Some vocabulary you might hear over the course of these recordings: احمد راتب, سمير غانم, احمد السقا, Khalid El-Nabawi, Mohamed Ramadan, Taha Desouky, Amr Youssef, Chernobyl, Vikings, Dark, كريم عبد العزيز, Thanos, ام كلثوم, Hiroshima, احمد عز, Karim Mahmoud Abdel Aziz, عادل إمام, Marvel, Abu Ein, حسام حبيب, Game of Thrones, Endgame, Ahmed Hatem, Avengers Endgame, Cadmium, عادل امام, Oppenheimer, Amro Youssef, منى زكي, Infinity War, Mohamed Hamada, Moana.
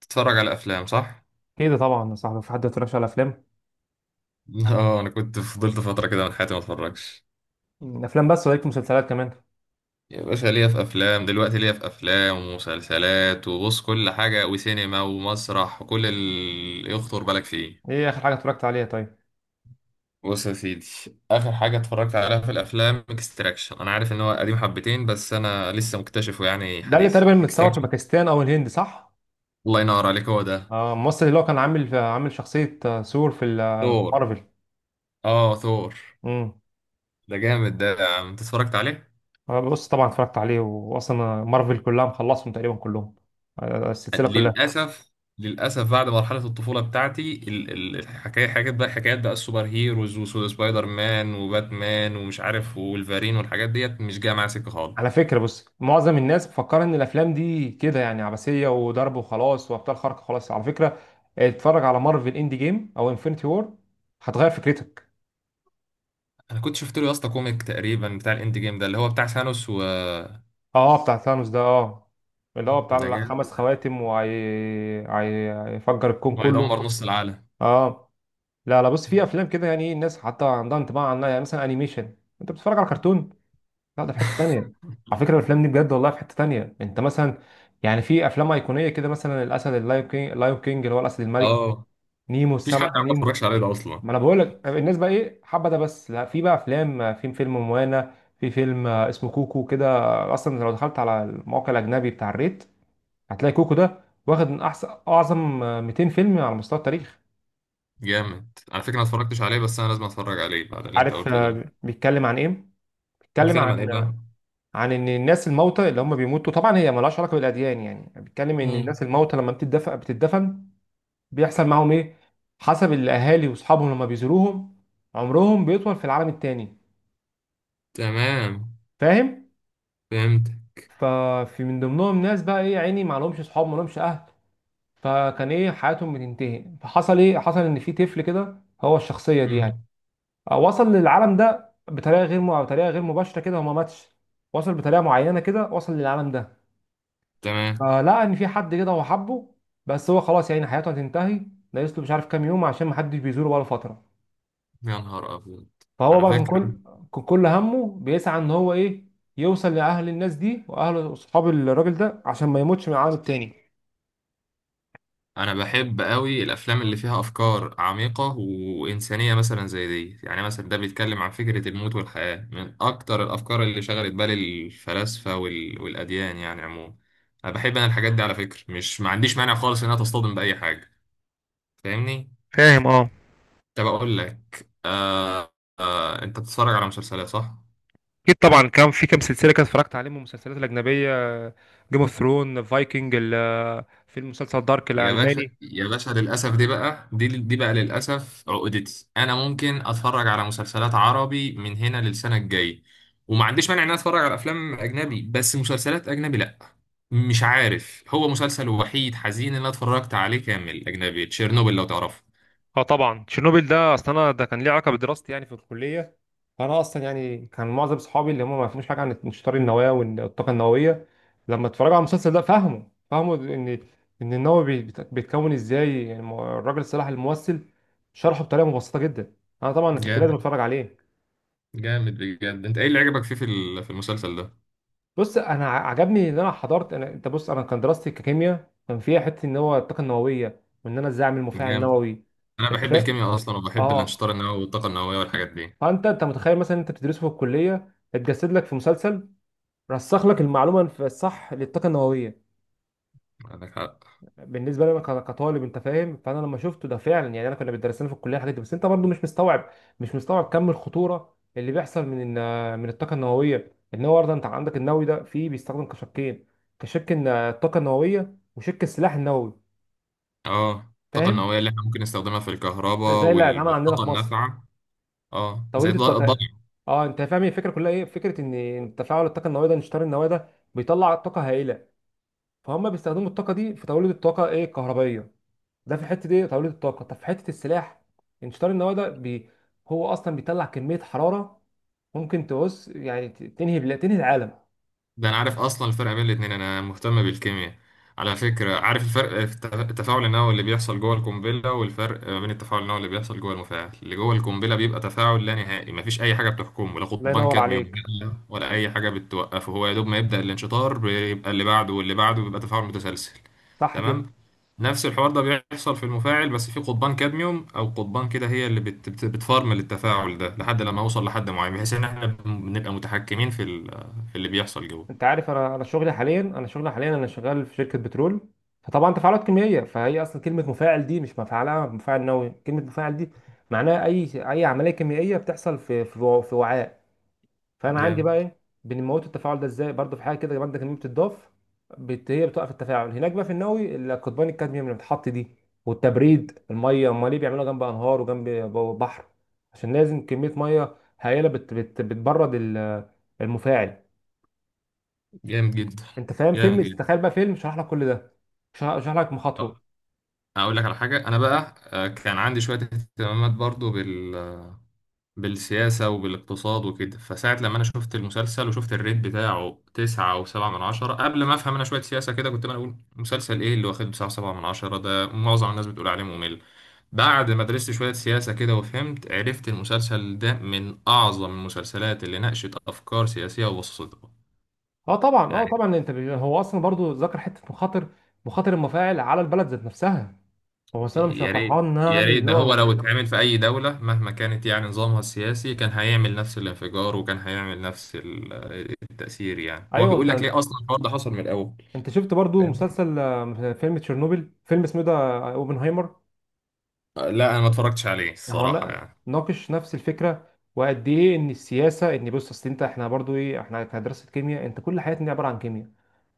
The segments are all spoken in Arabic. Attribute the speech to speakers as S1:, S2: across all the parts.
S1: تتفرج على افلام صح؟
S2: كده طبعا يا صاحبي، في حد يتفرجش على افلام؟
S1: اه، انا كنت فضلت فتره كده من حياتي ما اتفرجش.
S2: افلام بس ولكن مسلسلات كمان.
S1: يا باشا، ليا في افلام، دلوقتي ليا في افلام ومسلسلات، وبص كل حاجه، وسينما ومسرح وكل اللي يخطر بالك فيه.
S2: ايه اخر حاجه اتفرجت عليها طيب؟
S1: بص يا سيدي، اخر حاجه اتفرجت عليها في الافلام اكستراكشن. انا عارف ان هو قديم حبتين بس انا لسه مكتشفه يعني
S2: ده اللي
S1: حديث،
S2: تقريبا متصور في
S1: اكستراكشن.
S2: باكستان او الهند صح؟
S1: الله ينور عليك، هو ده.
S2: الممثل اللي هو كان عامل شخصيه، ثور في
S1: ثور؟
S2: مارفل.
S1: اه، ثور.
S2: امم
S1: ده جامد ده، يا عم انت اتفرجت عليه؟
S2: بص، طبعا اتفرجت عليه، واصلا مارفل كلها مخلصهم تقريبا كلهم. السلسله كلها.
S1: للأسف. للأسف بعد مرحلة الطفولة بتاعتي الحكاية، حاجات بقى، حكايات بقى، السوبر هيروز وسبايدر مان وباتمان ومش عارف والفارين والحاجات ديت مش جاية معايا سكة خالص.
S2: على فكره، بص، معظم الناس مفكره ان الافلام دي كده يعني عبثيه وضرب وخلاص وابطال خارقه. خلاص، على فكره اتفرج على مارفل اند جيم او انفينيتي وور، هتغير فكرتك.
S1: أنا كنت شفت له يا اسطى كوميك تقريبا بتاع الإند جيم ده، اللي هو بتاع ثانوس
S2: اه، بتاع ثانوس ده. اه، اللي هو بتاع
S1: ده
S2: الخمس
S1: جامد،
S2: خواتم وهيفجر الكون كله.
S1: وهيدمر نص العالم.
S2: اه. لا لا، بص في افلام كده يعني ايه، الناس حتى عندها انطباع عنها، يعني مثلا انيميشن، انت بتتفرج على كرتون، لا، ده في حته ثانيه. على فكره الافلام دي بجد والله في حته ثانيه، انت مثلا يعني في افلام ايقونيه كده، مثلا الاسد اللايو كينج، اللايو كينج اللي هو الاسد الملك،
S1: اه.
S2: نيمو،
S1: مفيش حد عم
S2: السمكه نيمو.
S1: اتفرجش عليه ده أصلا.
S2: ما انا بقول لك الناس بقى ايه حابه ده، بس لا، في بقى افلام، في فيلم موانا، في فيلم اسمه كوكو كده. اصلا لو دخلت على الموقع الاجنبي بتاع الريت، هتلاقي كوكو ده واخد من احسن اعظم 200 فيلم على مستوى التاريخ.
S1: جامد. على فكرة أنا اتفرجتش عليه بس أنا لازم أتفرج عليه بعد اللي أنت
S2: عارف
S1: قلته ده.
S2: بيتكلم عن ايه؟ بيتكلم عن
S1: بيتكلم عن إيه بقى؟
S2: عن ان الناس الموتى اللي هم بيموتوا، طبعا هي ملهاش علاقه بالاديان، يعني بيتكلم ان
S1: مم.
S2: الناس الموتى لما بتدفن بتدفن، بيحصل معاهم ايه حسب الاهالي واصحابهم لما بيزوروهم، عمرهم بيطول في العالم التاني.
S1: تمام.
S2: فاهم؟
S1: فهمت.
S2: ففي من ضمنهم ناس بقى ايه يا عيني، ما لهمش اصحاب، ما لهمش اهل، فكان ايه حياتهم بتنتهي، فحصل ايه، حصل ان في طفل كده، هو الشخصيه دي يعني.
S1: مم.
S2: وصل للعالم ده بطريقه غير مباشره كده، هو ما ماتش، وصل بطريقه معينه كده، وصل للعالم ده.
S1: تمام.
S2: فلقى ان في حد كده هو حبه، بس هو خلاص يعني حياته هتنتهي، ناقص له مش عارف كام يوم عشان ما حدش بيزوره بقاله فتره.
S1: يا نهار أبيض.
S2: فهو
S1: على
S2: بقى
S1: فكرة
S2: كان كل همه بيسعى ان هو ايه، يوصل لاهل الناس دي واهل اصحاب الراجل ده عشان ما يموتش من العالم التاني.
S1: أنا بحب قوي الأفلام اللي فيها أفكار عميقة وإنسانية مثلا زي دي، يعني مثلا ده بيتكلم عن فكرة الموت والحياة من أكتر الأفكار اللي شغلت بال الفلاسفة والأديان يعني عموما. أنا بحب أنا الحاجات دي على فكرة، مش ما عنديش مانع خالص إنها تصطدم بأي حاجة. فاهمني؟
S2: فاهم؟ اه.
S1: طب أقول لك أنت بتتفرج على مسلسلات صح؟
S2: اكيد طبعا، كان في كام سلسله كده اتفرجت عليهم من المسلسلات الاجنبيه، جيم اوف ثرون، فايكنج، في المسلسل دارك
S1: يا باشا
S2: الالماني.
S1: يا باشا للأسف دي بقى دي بقى للأسف عقدتي، أنا ممكن أتفرج على مسلسلات عربي من هنا للسنة الجاية وما عنديش مانع إن أنا أتفرج على أفلام أجنبي بس مسلسلات أجنبي لأ. مش عارف، هو مسلسل وحيد حزين اللي أنا اتفرجت عليه كامل أجنبي تشيرنوبل، لو تعرفه.
S2: اه طبعا، تشيرنوبيل ده، اصل انا ده كان ليه علاقه بدراستي يعني في الكليه. فانا اصلا يعني كان معظم صحابي اللي هم ما فهموش حاجه عن انشطار النواه والطاقه النوويه، لما اتفرجوا على المسلسل ده فهموا، ان النووي بيتكون ازاي يعني، الراجل صلاح الممثل شرحه بطريقه مبسطه جدا، انا طبعا كنت لازم
S1: جامد.
S2: اتفرج عليه.
S1: جامد بجد، أنت إيه اللي عجبك فيه في المسلسل ده؟
S2: بص انا عجبني ان انا حضرت، انت بص، انا كان دراستي ككيمياء، كان فيها حته ان هو الطاقه النوويه وان انا ازاي اعمل مفاعل
S1: جامد.
S2: نووي.
S1: أنا
S2: انت
S1: بحب
S2: فاهم؟
S1: الكيمياء أصلا وبحب
S2: اه.
S1: الأنشطار النووي والطاقة النووية والحاجات دي.
S2: فانت، انت متخيل مثلا انت بتدرسه في الكليه اتجسد لك في مسلسل، رسخ لك المعلومه في الصح للطاقه النوويه.
S1: عندك حق.
S2: بالنسبه لي انا كطالب، انت فاهم، فانا لما شفته ده فعلا يعني، انا كنا بيدرسنا في الكليه الحاجات دي، بس انت برضو مش مستوعب، مش مستوعب كم الخطوره اللي بيحصل من الطاقه النوويه، ان هو برضه انت عندك النووي ده فيه، بيستخدم كشكين، كشك إن الطاقه النوويه وشك السلاح النووي.
S1: اه، الطاقة
S2: فاهم؟
S1: النووية اللي احنا ممكن نستخدمها في الكهرباء
S2: زي اللي هيتعمل عندنا
S1: والطاقة
S2: في مصر،
S1: النافعة. اه، زي
S2: توليد
S1: الضوء.
S2: الطاقه. اه، انت فاهم الفكره كلها ايه، فكره ان تفاعل الطاقه النوويه ده، انشطار النواه ده بيطلع طاقه هائله، فهم بيستخدموا الطاقه دي في توليد الطاقه ايه الكهربائيه، ده في حته ايه توليد الطاقه، طب في حته السلاح، انشطار النواه ده هو اصلا بيطلع كميه حراره ممكن تبص يعني تنهي تنهي العالم.
S1: ده انا عارف اصلا الفرق بين الاتنين، انا مهتم بالكيمياء. على فكرة عارف الفرق في التفاعل النووي اللي بيحصل جوه القنبلة، والفرق ما بين التفاعل النووي اللي بيحصل جوه المفاعل، اللي جوه القنبلة بيبقى تفاعل لا نهائي، مفيش اي حاجة بتحكمه، لا
S2: الله
S1: قضبان
S2: ينور
S1: كادميوم
S2: عليك.
S1: ولا اي حاجة بتوقفه، هو يا دوب ما يبدأ الانشطار بيبقى اللي بعده واللي بعده، بيبقى تفاعل متسلسل.
S2: صح كده.
S1: تمام. نفس الحوار ده بيحصل في المفاعل بس في قضبان كادميوم او قضبان كده هي اللي بت بت بتفرمل التفاعل ده لحد لما اوصل لحد معين، بحيث ان احنا بنبقى متحكمين في اللي بيحصل جوه.
S2: انت عارف انا، انا شغلي حاليا انا شغال في شركه بترول، فطبعا تفاعلات كيميائيه، فهي اصلا كلمه مفاعل دي مش مفعلها مفاعل نووي، كلمه مفاعل دي معناها اي اي عمليه كيميائيه بتحصل في في وعاء. فانا عندي
S1: جامد.
S2: بقى ايه، بنموت التفاعل ده ازاي، برضه في حاجه كده ماده كيميائيه بتضاف، هي بتوقف التفاعل، هناك بقى في النووي، القضبان الكادميوم اللي بتحط دي والتبريد، الميه امال ليه بيعملوها جنب انهار وجنب بحر؟ عشان لازم كميه ميه هائله بتبرد ال- المفاعل.
S1: جامد جدا.
S2: انت فاهم؟
S1: جامد
S2: فيلم،
S1: جدا.
S2: تخيل بقى فيلم شرح لك كل ده، شرح، شرح لك مخاطره.
S1: آه، هقول لك على حاجة، أنا بقى كان عندي شوية اهتمامات برضو بالسياسة وبالاقتصاد وكده، فساعة لما أنا شفت المسلسل وشفت الريت بتاعه تسعة أو سبعة من عشرة قبل ما أفهم أنا شوية سياسة كده، كنت أنا أقول مسلسل إيه اللي واخد تسعة وسبعة من عشرة ده معظم الناس بتقول عليه ممل. بعد ما درست شوية سياسة كده وفهمت، عرفت المسلسل ده من أعظم المسلسلات اللي ناقشت أفكار سياسية وبسطتها.
S2: اه طبعا، انت هو اصلا برضو ذكر حته مخاطر، مخاطر المفاعل على البلد ذات نفسها. هو أصل انا مش
S1: يا ريت.
S2: فرحان ان انا
S1: يا
S2: هعمل
S1: ريت
S2: اللي
S1: ده، هو
S2: هو.
S1: لو اتعمل في أي دولة مهما كانت يعني نظامها السياسي كان هيعمل نفس الانفجار وكان هيعمل نفس التأثير، يعني هو
S2: ايوه،
S1: بيقول
S2: انت،
S1: لك ليه أصلا الحوار ده حصل من الأول.
S2: انت شفت برضو
S1: فاهم؟
S2: مسلسل فيلم تشيرنوبل، فيلم اسمه ده اوبنهايمر.
S1: لا، أنا ما اتفرجتش عليه
S2: هو
S1: الصراحة يعني.
S2: ناقش نفس الفكره، وقد ايه ان السياسه ان بص، اصل انت احنا برضو ايه، احنا كدراسه كيمياء انت كل حياتنا عباره عن كيمياء،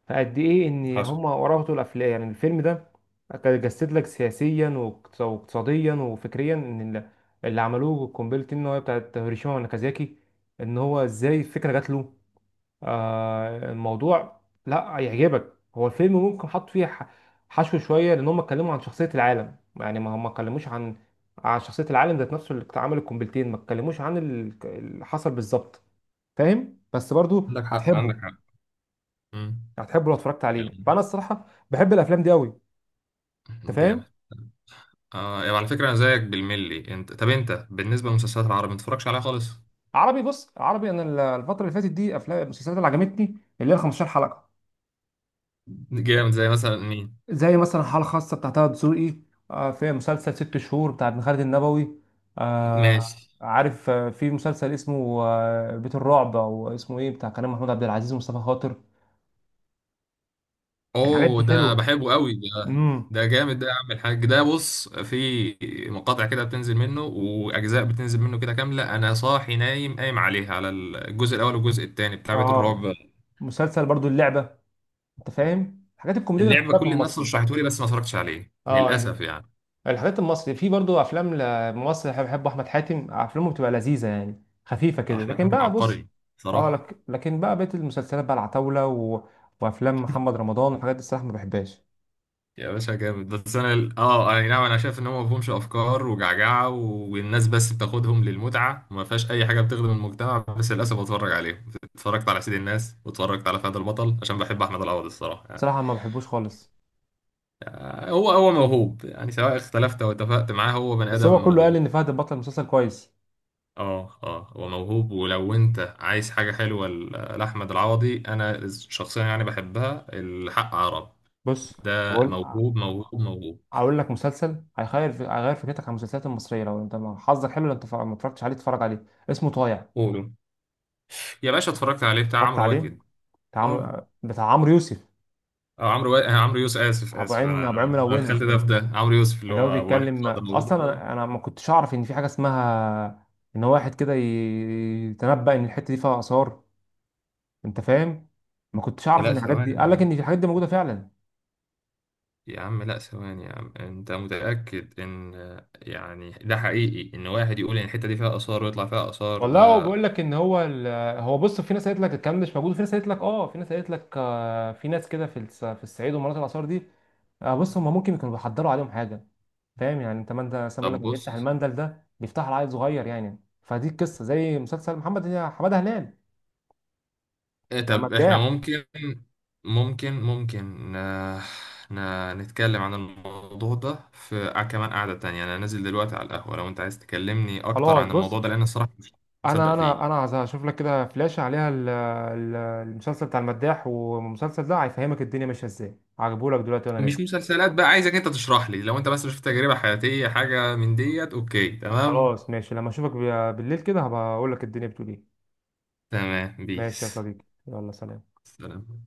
S2: فقد ايه ان
S1: حصل.
S2: هم وراهم طول الافلام، يعني الفيلم ده كان جسد لك سياسيا واقتصاديا وفكريا ان ال- اللي عملوه قنبله النوويه بتاعت هيروشيما وناكازاكي، ان هو ازاي الفكره جات له. آه، الموضوع لا يعجبك، هو الفيلم ممكن حط فيه حشو شويه، لان هم اتكلموا عن شخصيه العالم يعني، ما هم ما اتكلموش عن شخصيه العالم ذات نفسه اللي عمل القنبلتين، ما اتكلموش عن ال- اللي حصل بالظبط. فاهم؟ بس برضو
S1: عندك حق،
S2: هتحبه،
S1: عندك حق. مم.
S2: هتحبه لو اتفرجت عليه،
S1: يلا.
S2: فانا الصراحه بحب الافلام دي قوي. انت
S1: جامد.
S2: فاهم؟
S1: آه يعني على فكرة أنا زيك بالملي. أنت طب أنت بالنسبة للمسلسلات العربية ما تتفرجش عليها خالص؟
S2: عربي، بص عربي انا ال- الفتره اللي فاتت دي افلام المسلسلات اللي عجبتني اللي هي 15 حلقه،
S1: جامد، زي مثلا مين؟
S2: زي مثلا حاله خاصه بتاع طه دسوقي، في مسلسل ست شهور بتاع ابن خالد النبوي،
S1: ماشي.
S2: عارف في مسلسل اسمه بيت الرعب او اسمه ايه بتاع كريم محمود عبد العزيز ومصطفى خاطر، الحاجات
S1: اوه،
S2: دي
S1: ده
S2: حلوه.
S1: بحبه قوي ده.
S2: امم
S1: ده جامد ده يا عم الحاج، ده بص في مقاطع كده بتنزل منه واجزاء بتنزل منه كده كامله، انا صاحي نايم قايم عليها، على الجزء الاول والجزء الثاني بتاع بيت
S2: اه،
S1: الرعب.
S2: مسلسل برضو اللعبه، انت فاهم الحاجات الكوميديه اللي
S1: اللعبه
S2: بحبها في
S1: كل الناس
S2: المصري.
S1: رشحته لي بس ما اتفرجتش عليه
S2: اه يعني
S1: للاسف يعني.
S2: الحاجات المصري، في برضو افلام لممثل بحب، بحبه احمد حاتم، افلامه بتبقى لذيذه يعني خفيفه كده،
S1: احمد
S2: لكن
S1: حاتم
S2: بقى بص،
S1: عبقري
S2: اه
S1: صراحه.
S2: لك، لكن بقى بقيه المسلسلات بقى العتاوله و... وافلام محمد رمضان والحاجات دي، الصراحه ما بحبهاش.
S1: يا باشا جامد، بس انا اي نعم، انا شايف ان هو ما فيهمش افكار وجعجعه والناس بس بتاخدهم للمتعه وما فيهاش اي حاجه بتخدم المجتمع، بس للاسف بتفرج عليهم. اتفرجت على سيد الناس واتفرجت على فهد البطل عشان بحب احمد العوضي الصراحه يعني.
S2: صراحه ما بحبوش خالص.
S1: هو موهوب يعني سواء اختلفت او اتفقت معاه، هو بني
S2: بس
S1: ادم
S2: هو كله قال
S1: موهوب.
S2: ان فهد البطل مسلسل كويس.
S1: اه، اه، هو موهوب، ولو انت عايز حاجه حلوه لاحمد العوضي انا شخصيا يعني بحبها، الحق عرب.
S2: بص،
S1: ده
S2: هقول
S1: موهوب موهوب موهوب.
S2: اقول لك مسلسل هيغير فكرتك عن المسلسلات المصريه، لو انت حظك حلو، لو انت ما اتفرجتش عليه اتفرج عليه، اسمه طايع.
S1: قولوا. يا باشا اتفرجت عليه، بتاع
S2: اتفرجت
S1: عمرو
S2: عليه
S1: واكد. اه.
S2: بتاع عمرو يوسف،
S1: اه، عمرو يوسف، اسف اسف انا
S2: ابو عين ملونه.
S1: دخلت ده في ده، عمرو يوسف اللي
S2: اللي هو
S1: هو وانا
S2: بيتكلم
S1: فاضي
S2: اصلا
S1: موجود.
S2: انا، ما كنتش اعرف ان في حاجه اسمها، ان هو واحد كده يتنبأ ان الحته دي فيها اثار، انت فاهم. ما كنتش اعرف
S1: لا،
S2: ان الحاجات دي،
S1: ثواني يا
S2: قال لك
S1: عم.
S2: ان في الحاجات دي موجوده فعلا.
S1: يا عم لا، ثواني يا عم، انت متأكد ان يعني ده حقيقي ان واحد يقول ان الحتة دي فيها آثار ويطلع فيها آثار
S2: والله هو
S1: ده؟
S2: بيقول لك ان هو هو بص، في ناس قالت لك الكلام ده مش موجود، وفي ناس قالت لك اه، في ناس قالت لك آه، في ناس كده في الصعيد ومناطق الاثار دي، آه، بص هم ممكن يكونوا بيحضروا عليهم حاجه. فاهم يعني، انت ما انت مثلا بيقول لك
S1: طب
S2: اللي بيفتح
S1: بص.
S2: المندل ده بيفتح عيل صغير يعني، فدي القصه زي مسلسل محمد حماده هلال،
S1: إيه طب احنا
S2: المداح.
S1: ممكن، ممكن ممكن آه، نتكلم عن الموضوع ده في كمان قعدة تانية، انا نازل دلوقتي على القهوة لو انت عايز تكلمني اكتر
S2: خلاص
S1: عن
S2: بص،
S1: الموضوع ده لان الصراحة مش مصدق
S2: انا
S1: فيه.
S2: عايز اشوف لك كده فلاش عليها المسلسل بتاع المداح، والمسلسل ده هيفهمك الدنيا ماشيه ازاي، هجيبهولك دلوقتي وانا نازل.
S1: مش مسلسلات بقى عايزك انت تشرح لي، لو انت بس شفت تجربة حياتية حاجة من ديت. اوكي، تمام.
S2: خلاص ماشي، لما اشوفك بالليل كده هبقى اقول لك الدنيا بتقول ايه.
S1: تمام،
S2: ماشي يا
S1: بيس.
S2: صديقي، يلا سلام.
S1: سلام.